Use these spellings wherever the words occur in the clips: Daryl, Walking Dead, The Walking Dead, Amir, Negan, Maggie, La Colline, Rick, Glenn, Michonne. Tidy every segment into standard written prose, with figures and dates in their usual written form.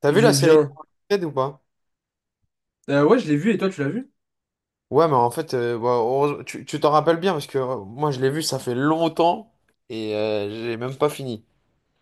T'as vu Je la série viens. Ted ou pas? Ouais, je l'ai vu et toi, tu l'as vu? Ouais, mais en fait, bah, tu t'en rappelles bien parce que moi je l'ai vu, ça fait longtemps et j'ai même pas fini.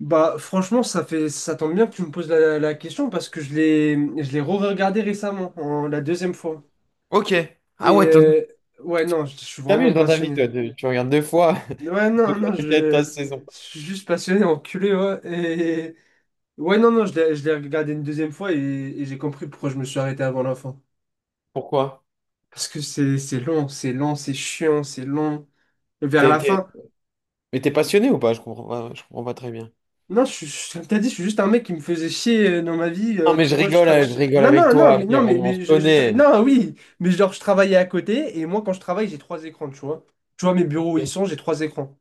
Bah, franchement, ça tombe bien que tu me poses la question parce que je l'ai re-regardé récemment, la deuxième fois. Ok. Ah Et ouais, ouais, non, je suis vraiment t'amuses dans ta vie, passionné. toi, tu regardes deux fois Ouais, non, non, la série de je, ta je saison. suis juste passionné, enculé, ouais. Et ouais, non, non, je l'ai regardé une deuxième fois et j'ai compris pourquoi je me suis arrêté avant la fin. Pourquoi? Parce que c'est long, c'est lent, c'est chiant, c'est long. Vers T'es, la t'es- fin. Mais t'es passionné ou pas? Je comprends pas, je comprends pas très bien. Non, comme t'as dit, je suis juste un mec qui me faisait chier dans ma vie. Non, mais Tu vois, je rigole non, avec non, non, toi, mais non, Amir, mais, on se mais connaît. non, oui, mais genre je travaillais à côté et moi quand je travaille, j'ai trois écrans, tu vois. Tu vois mes bureaux où ils sont, j'ai trois écrans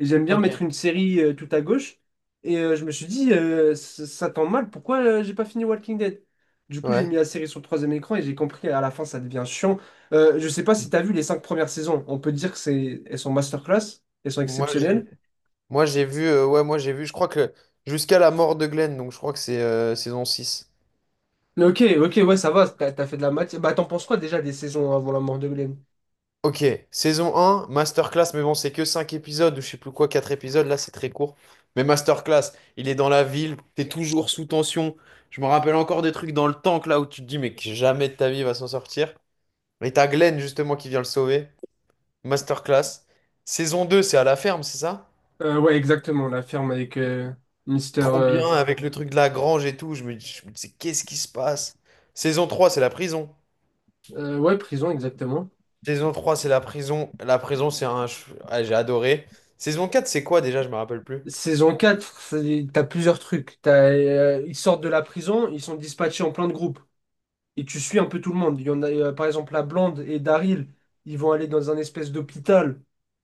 et j'aime bien Ok, mettre une série tout à gauche. Et je me suis dit, ça tombe mal. Pourquoi j'ai pas fini Walking Dead? Du coup, j'ai ouais. mis la série sur le troisième écran et j'ai compris à la fin, ça devient chiant. Je sais pas si t'as vu les cinq premières saisons. On peut dire que elles sont masterclass, elles sont Moi j'ai exceptionnelles. moi j'ai vu, ouais, moi j'ai vu, je crois que jusqu'à la mort de Glenn, donc je crois que c'est saison 6. Mais ok, ok, ouais, ça va, t'as fait de la matière. Bah, t'en penses quoi déjà des saisons avant la mort de Glenn? Ok, saison 1, masterclass, mais bon, c'est que 5 épisodes ou je sais plus quoi, 4 épisodes, là c'est très court. Mais masterclass, il est dans la ville, t'es toujours sous tension. Je me rappelle encore des trucs dans le tank là où tu te dis mais que jamais de ta vie il va s'en sortir. Et t'as Glenn justement qui vient le sauver. Masterclass. Saison 2 c'est à la ferme, c'est ça? Ouais, exactement, la ferme avec Mister, Trop bien avec le truc de la grange et tout. Je me dis, qu'est-ce qui se passe? Saison 3 c'est la prison. Ouais, prison, exactement. Saison 3 c'est la prison. La prison, c'est un. Ah, j'ai adoré. Saison 4 c'est quoi déjà? Je me rappelle plus. Saison quatre, t'as plusieurs trucs. Ils sortent de la prison, ils sont dispatchés en plein de groupes. Et tu suis un peu tout le monde. Il y en a, par exemple, la Blonde et Daryl, ils vont aller dans un espèce d'hôpital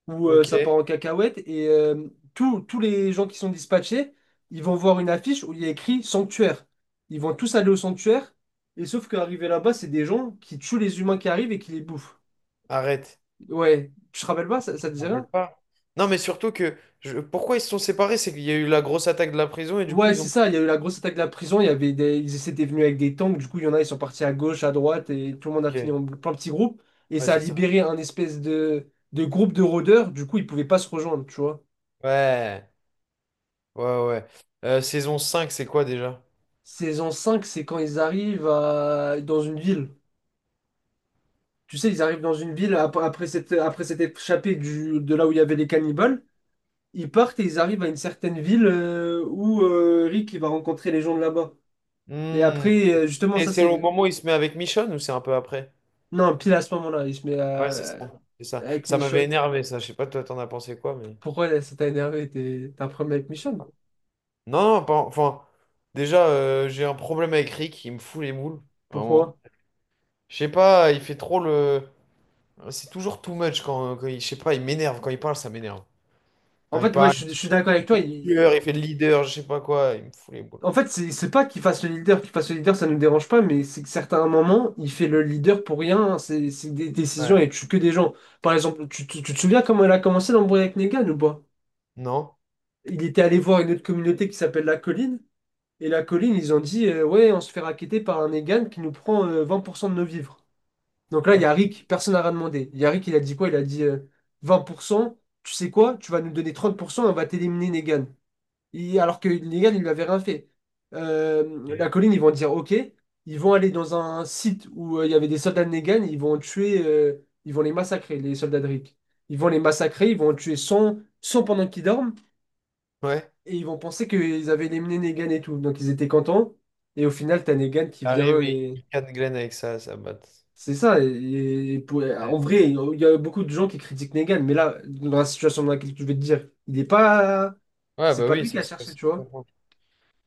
où Ok. ça part en cacahuète et tous les gens qui sont dispatchés, ils vont voir une affiche où il y a écrit sanctuaire. Ils vont tous aller au sanctuaire et sauf qu'arrivé là-bas, c'est des gens qui tuent les humains qui arrivent et qui les bouffent. Arrête. Ouais, tu te rappelles pas, ça Je te me dirait. rappelle pas. Non, mais surtout pourquoi ils se sont séparés? C'est qu'il y a eu la grosse attaque de la prison et du coup Ouais, ils c'est ont. ça, il y a eu la grosse attaque de la prison, il y avait des... ils étaient venus avec des tanks, du coup, il y en a, ils sont partis à gauche, à droite, et tout le monde a Ok. fini Ouais, en plein petit groupe, et ça a c'est ça. libéré un espèce de groupe de rôdeurs, du coup, ils pouvaient pas se rejoindre, tu vois. Ouais. Ouais, ouais. Saison 5, c'est quoi déjà? Saison 5 c'est quand ils arrivent dans une ville. Tu sais, ils arrivent dans une ville après s'être échappés de là où il y avait les cannibales, ils partent et ils arrivent à une certaine ville où Rick il va rencontrer les gens de là-bas. Et Hmm. après, justement, Et ça c'est c'est... au le- moment où il se met avec Michonne ou c'est un peu après? Non, pile à ce moment-là, il se met Ouais, c'est ça. C'est ça. avec Ça m'avait Michonne. énervé, ça. Je sais pas, toi, t'en as pensé quoi, mais. Pourquoi là, ça t'a énervé? T'as un problème avec Je sais Michonne? pas. Non, non, pas, enfin. Déjà, j'ai un problème avec Rick. Il me fout les moules. Vraiment. Pourquoi? Je sais pas, il fait trop le. C'est toujours too much quand, quand il. Je sais pas, il m'énerve. Quand il parle, ça m'énerve. Quand En il fait, ouais, parle, je suis d'accord avec toi. Il est il- tueur, il fait le leader, je sais pas quoi, il me fout les boules. En fait, c'est pas qu'il fasse le leader, qu'il fasse le leader, ça nous dérange pas, mais c'est que certains moments, il fait le leader pour rien, hein. C'est des décisions Ouais. et tue que des gens. Par exemple, tu te souviens comment elle a commencé l'embrouille avec Negan ou pas? Non? Il était allé voir une autre communauté qui s'appelle La Colline, et La Colline, ils ont dit ouais, on se fait racketter par un Negan qui nous prend 20% de nos vivres. Donc là, il y a Ok. Rick. Personne n'a rien demandé. Il y a Rick, il a dit quoi? Il a dit 20%, tu sais quoi? Tu vas nous donner 30% et on va t'éliminer Negan. Alors que Negan, il lui avait rien fait. La colline, ils vont dire OK. Ils vont aller dans un site où il y avait des soldats de Negan. Ils vont les massacrer, les soldats de Rick. Ils vont les massacrer, ils vont en tuer cent pendant qu'ils dorment. Ouais. Et ils vont penser qu'ils avaient éliminé Negan et tout. Donc ils étaient contents. Et au final, t'as Negan qui vient Arrivé, et. il canne Glenn avec ça, ça batte. C'est ça, et Ouais. en vrai, il y a beaucoup de gens qui critiquent Negan, mais là, dans la situation dans laquelle je vais te dire, il n'est pas. Ouais, C'est bah pas oui, lui qui ça a se ça cherché, se tu vois. comprend.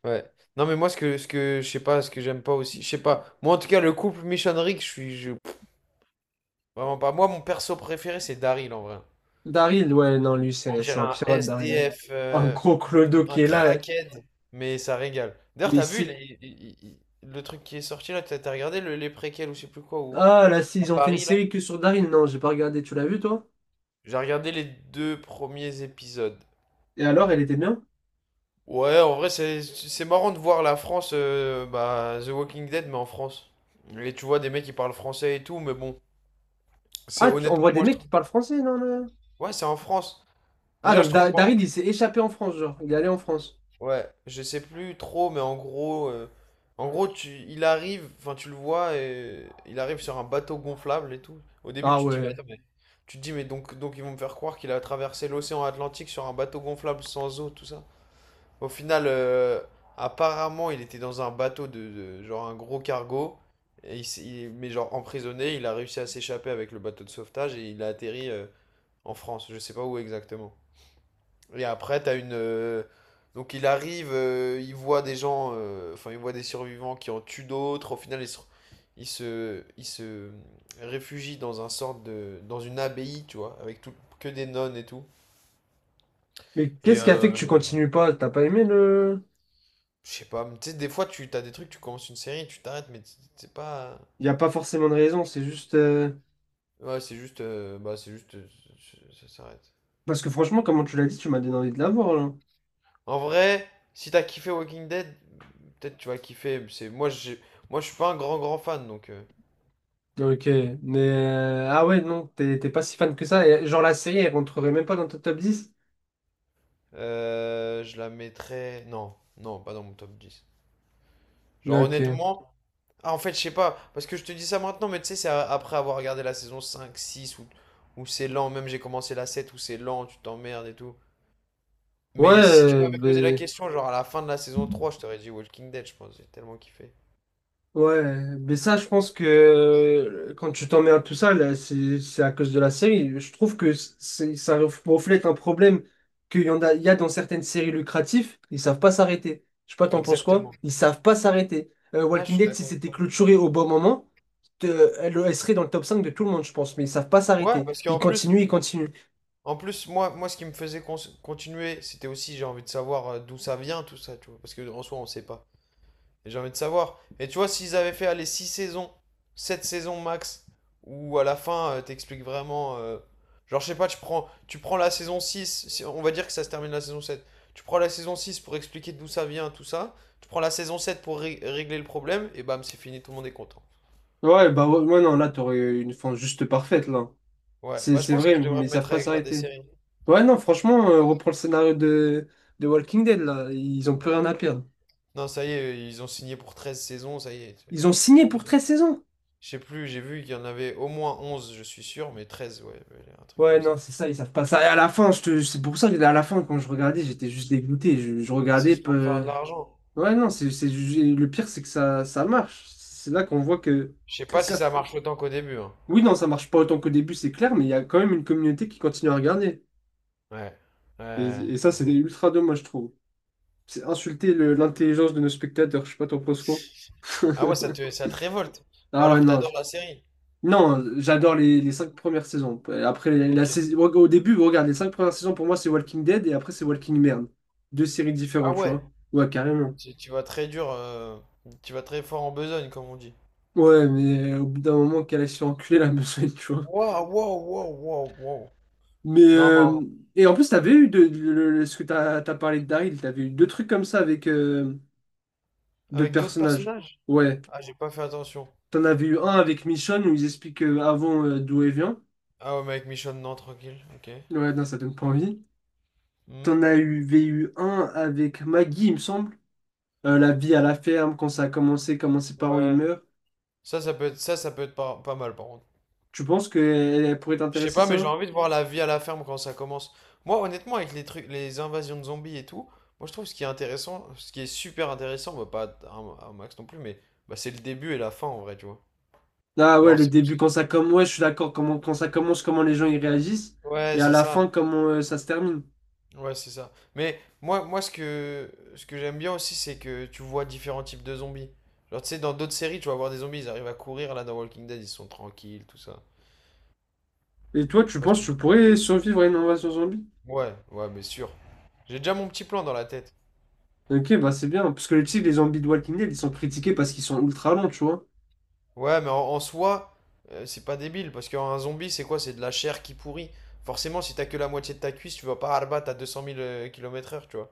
Ouais. Non, mais moi, ce que je sais pas, ce que j'aime pas aussi, je sais pas. Moi, en tout cas, le couple Michonnerie, pff, vraiment pas. Moi, mon perso préféré, c'est Daryl en vrai. Daryl, ouais, non, lui, On c'est dirait c'est un un pirate, Daryl. SDF, Un gros clodo un qui est là, crackhead, mais ça régale. D'ailleurs, mais t'as vu il c'est. est- il- le truc qui est sorti là, t'as regardé les préquels ou je sais plus quoi, ou Ah, là, si, à ils ont fait une Paris là? série que sur Daryl, non, j'ai pas regardé, tu l'as vu, toi? J'ai regardé les deux premiers épisodes. Et alors, elle était bien? Ouais, en vrai, c'est marrant de voir la France, bah, The Walking Dead, mais en France. Et tu vois des mecs qui parlent français et tout, mais bon, c'est Ah, on voit honnêtement, des moi je mecs qui trouve. parlent français, non, non. Ouais, c'est en France. Ah, Déjà, je donc trouve Da- marrant. Daryl, il s'est échappé en France, genre, il est allé en France. Ouais, je sais plus trop, mais en gros, il arrive, enfin, tu le vois, et il arrive sur un bateau gonflable et tout. Au début, Ah tu te dis, mais ouais. attends, tu te dis, mais donc ils vont me faire croire qu'il a traversé l'océan Atlantique sur un bateau gonflable sans eau, tout ça. Au final, apparemment, il était dans un bateau genre un gros cargo. Et mais genre emprisonné, il a réussi à s'échapper avec le bateau de sauvetage et il a atterri en France. Je sais pas où exactement. Et après, t'as une. Donc il arrive, il voit des gens, enfin il voit des survivants qui en tuent d'autres. Au final, il se réfugie dans un sorte de, dans une abbaye, tu vois, avec tout, que des nonnes et tout. Mais Et qu'est-ce qui a fait que tu continues pas? T'as pas aimé le. je sais pas, mais tu sais, des fois, tu as des trucs, tu commences une série, tu t'arrêtes, mais c'est pas. Il n'y a pas forcément de raison, c'est juste. Ouais, c'est juste. Bah, c'est juste. Ça s'arrête. Parce que franchement, comment tu l'as dit, tu m'as donné envie de la voir, là. En vrai, si t'as kiffé Walking Dead, peut-être tu vas kiffer. C'est. Moi, j'ai. Moi, je suis pas un grand, grand fan, donc. euh, Ok, ah ouais, non, t'es pas si fan que ça. Et genre, la série, elle rentrerait même pas dans ton top 10. euh, je la mettrais. Non, non, pas dans mon top 10. Genre, Ok. honnêtement. Ah, en fait, je sais pas, parce que je te dis ça maintenant, mais tu sais, après avoir regardé la saison 5 6 où c'est lent, même j'ai commencé la 7 où c'est lent, tu t'emmerdes et tout. Ouais, Mais si tu m'avais posé la ben. question, genre à la fin de la saison trois, je t'aurais dit Walking Dead, je pense. J'ai tellement kiffé. Ouais, mais ça, je pense que quand tu t'en mets à tout ça, là, c'est à cause de la série. Je trouve que ça reflète un problème qu'il y en a, il y a dans certaines séries lucratives, ils savent pas s'arrêter. Je sais pas, t'en penses quoi? Exactement. Ils savent pas s'arrêter. Ah, je Walking suis Dead, si d'accord avec c'était toi. clôturé au bon moment, elle, elle serait dans le top 5 de tout le monde, je pense, mais ils savent pas Ouais, s'arrêter. parce Ils qu'en plus, continuent, ils continuent. en plus, moi, ce qui me faisait continuer, c'était aussi, j'ai envie de savoir d'où ça vient, tout ça, tu vois. Parce que en soi, on sait pas. Et j'ai envie de savoir. Et tu vois, s'ils avaient fait aller 6 saisons, 7 saisons max, où à la fin, t'expliques vraiment. Genre, je sais pas, tu prends la saison six, si on va dire que ça se termine la saison sept. Tu prends la saison 6 pour expliquer d'où ça vient, tout ça. Tu prends la saison 7 pour régler le problème, et bam, c'est fini, tout le monde est content. Ouais, bah ouais, ouais, non, là, t'aurais une fin juste parfaite, là. Ouais, C'est bah je c'est pense que vrai, je devrais mais me ils savent mettre à pas écrire des s'arrêter. séries. Ouais, non, franchement, on reprend le scénario de Walking Dead, là. Ils ont plus Ouais. rien à perdre. Non, ça y est, ils ont signé pour 13 saisons, ça y est. Ils ont signé pour Formidable. 13 saisons. Je sais plus, j'ai vu qu'il y en avait au moins 11, je suis sûr, mais 13, ouais, ouais, un truc Ouais, comme ça. non, c'est ça, ils savent pas ça. Et à la fin, c'est pour ça que à la fin, quand je regardais, j'étais juste dégoûté. Je C'est regardais. juste pour faire de l'argent. Ouais, non, le pire, c'est que ça marche. C'est là qu'on voit que. Je sais pas si ça certes- marche autant qu'au début. Hein. Oui, non, ça marche pas autant qu'au début, c'est clair, mais il y a quand même une communauté qui continue à regarder. Ouais. Et, Ouais. et ça, Mais c'est bon. ultra dommage, je trouve. C'est insulter l'intelligence de nos spectateurs, je sais pas, t'en penses quoi? Ah ouais, ça te, ça te révolte. Ou Ah alors ouais, que non. t'adores la série. Non, j'adore les cinq premières saisons. Après, la Ok. saison, au début, regarde, les cinq premières saisons pour moi c'est Walking Dead et après c'est Walking Merde. Deux séries Ah différentes, tu ouais. vois. Ouais, carrément. Tu vas très dur. Tu vas très fort en besogne, comme on dit. Ouais, mais au bout d'un moment qu'elle a se fait enculer la besogne, tu vois. Waouh, waouh, waouh, waouh, waouh. Mais Non, mais et en plus, t'avais eu de, le- ce que t'as parlé de Daryl, t'avais eu deux trucs comme ça avec d'autres avec d'autres personnages. personnages? Ouais, Ah, j'ai pas fait attention. t'en avais eu un J'ai pas- avec Michonne où ils expliquent avant d'où elle vient. Ah ouais, mais avec Michonne, non, tranquille. Ok. Ouais, non, ça donne pas envie. Hmm. T'en avais eu un avec Maggie, il me semble. La vie à la ferme, quand ça a commencé, comment ses parents ils Ouais. meurent. Ça peut être pas, pas mal, par contre. Tu penses que elle, pourrait Je sais t'intéresser, pas, mais j'ai ça? envie de voir la vie à la ferme quand ça commence. Moi, honnêtement, avec les trucs, les invasions de zombies et tout, moi je trouve ce qui est intéressant, ce qui est super intéressant, bah, pas à un max non plus, mais bah, c'est le début et la fin en vrai, tu vois. Ah ouais, Genre, le c'est pour début, ça. quand ça commence, ouais, je suis d'accord, comment, quand ça commence, comment les gens ils réagissent, Ouais, et à c'est la fin, ça. comment ça se termine. Ouais, c'est ça. Mais moi ce que j'aime bien aussi, c'est que tu vois différents types de zombies. Genre, tu sais, dans d'autres séries, tu vas voir des zombies, ils arrivent à courir, là, dans Walking Dead, ils sont tranquilles, tout ça. Et toi, Je sais tu pas si penses que tu. tu pourrais survivre à une invasion zombie? Ouais, ouais, mais sûr. J'ai déjà mon petit plan dans la tête. Ok, bah c'est bien, parce que tu sais, les zombies de Walking Dead, ils sont critiqués parce qu'ils sont ultra longs, tu vois. Ouais, mais en soi, c'est pas débile, parce qu'un zombie, c'est quoi? C'est de la chair qui pourrit. Forcément, si t'as que la moitié de ta cuisse, tu vas pas arbattre à 200 000 kilomètres heure, tu vois.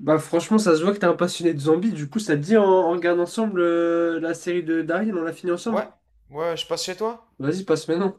Bah franchement, ça se voit que t'es un passionné de zombies, du coup, ça te dit, on regarde ensemble la série de Daryl, on la finit ensemble. Ouais, ouais, je passe chez toi? Vas-y, passe maintenant.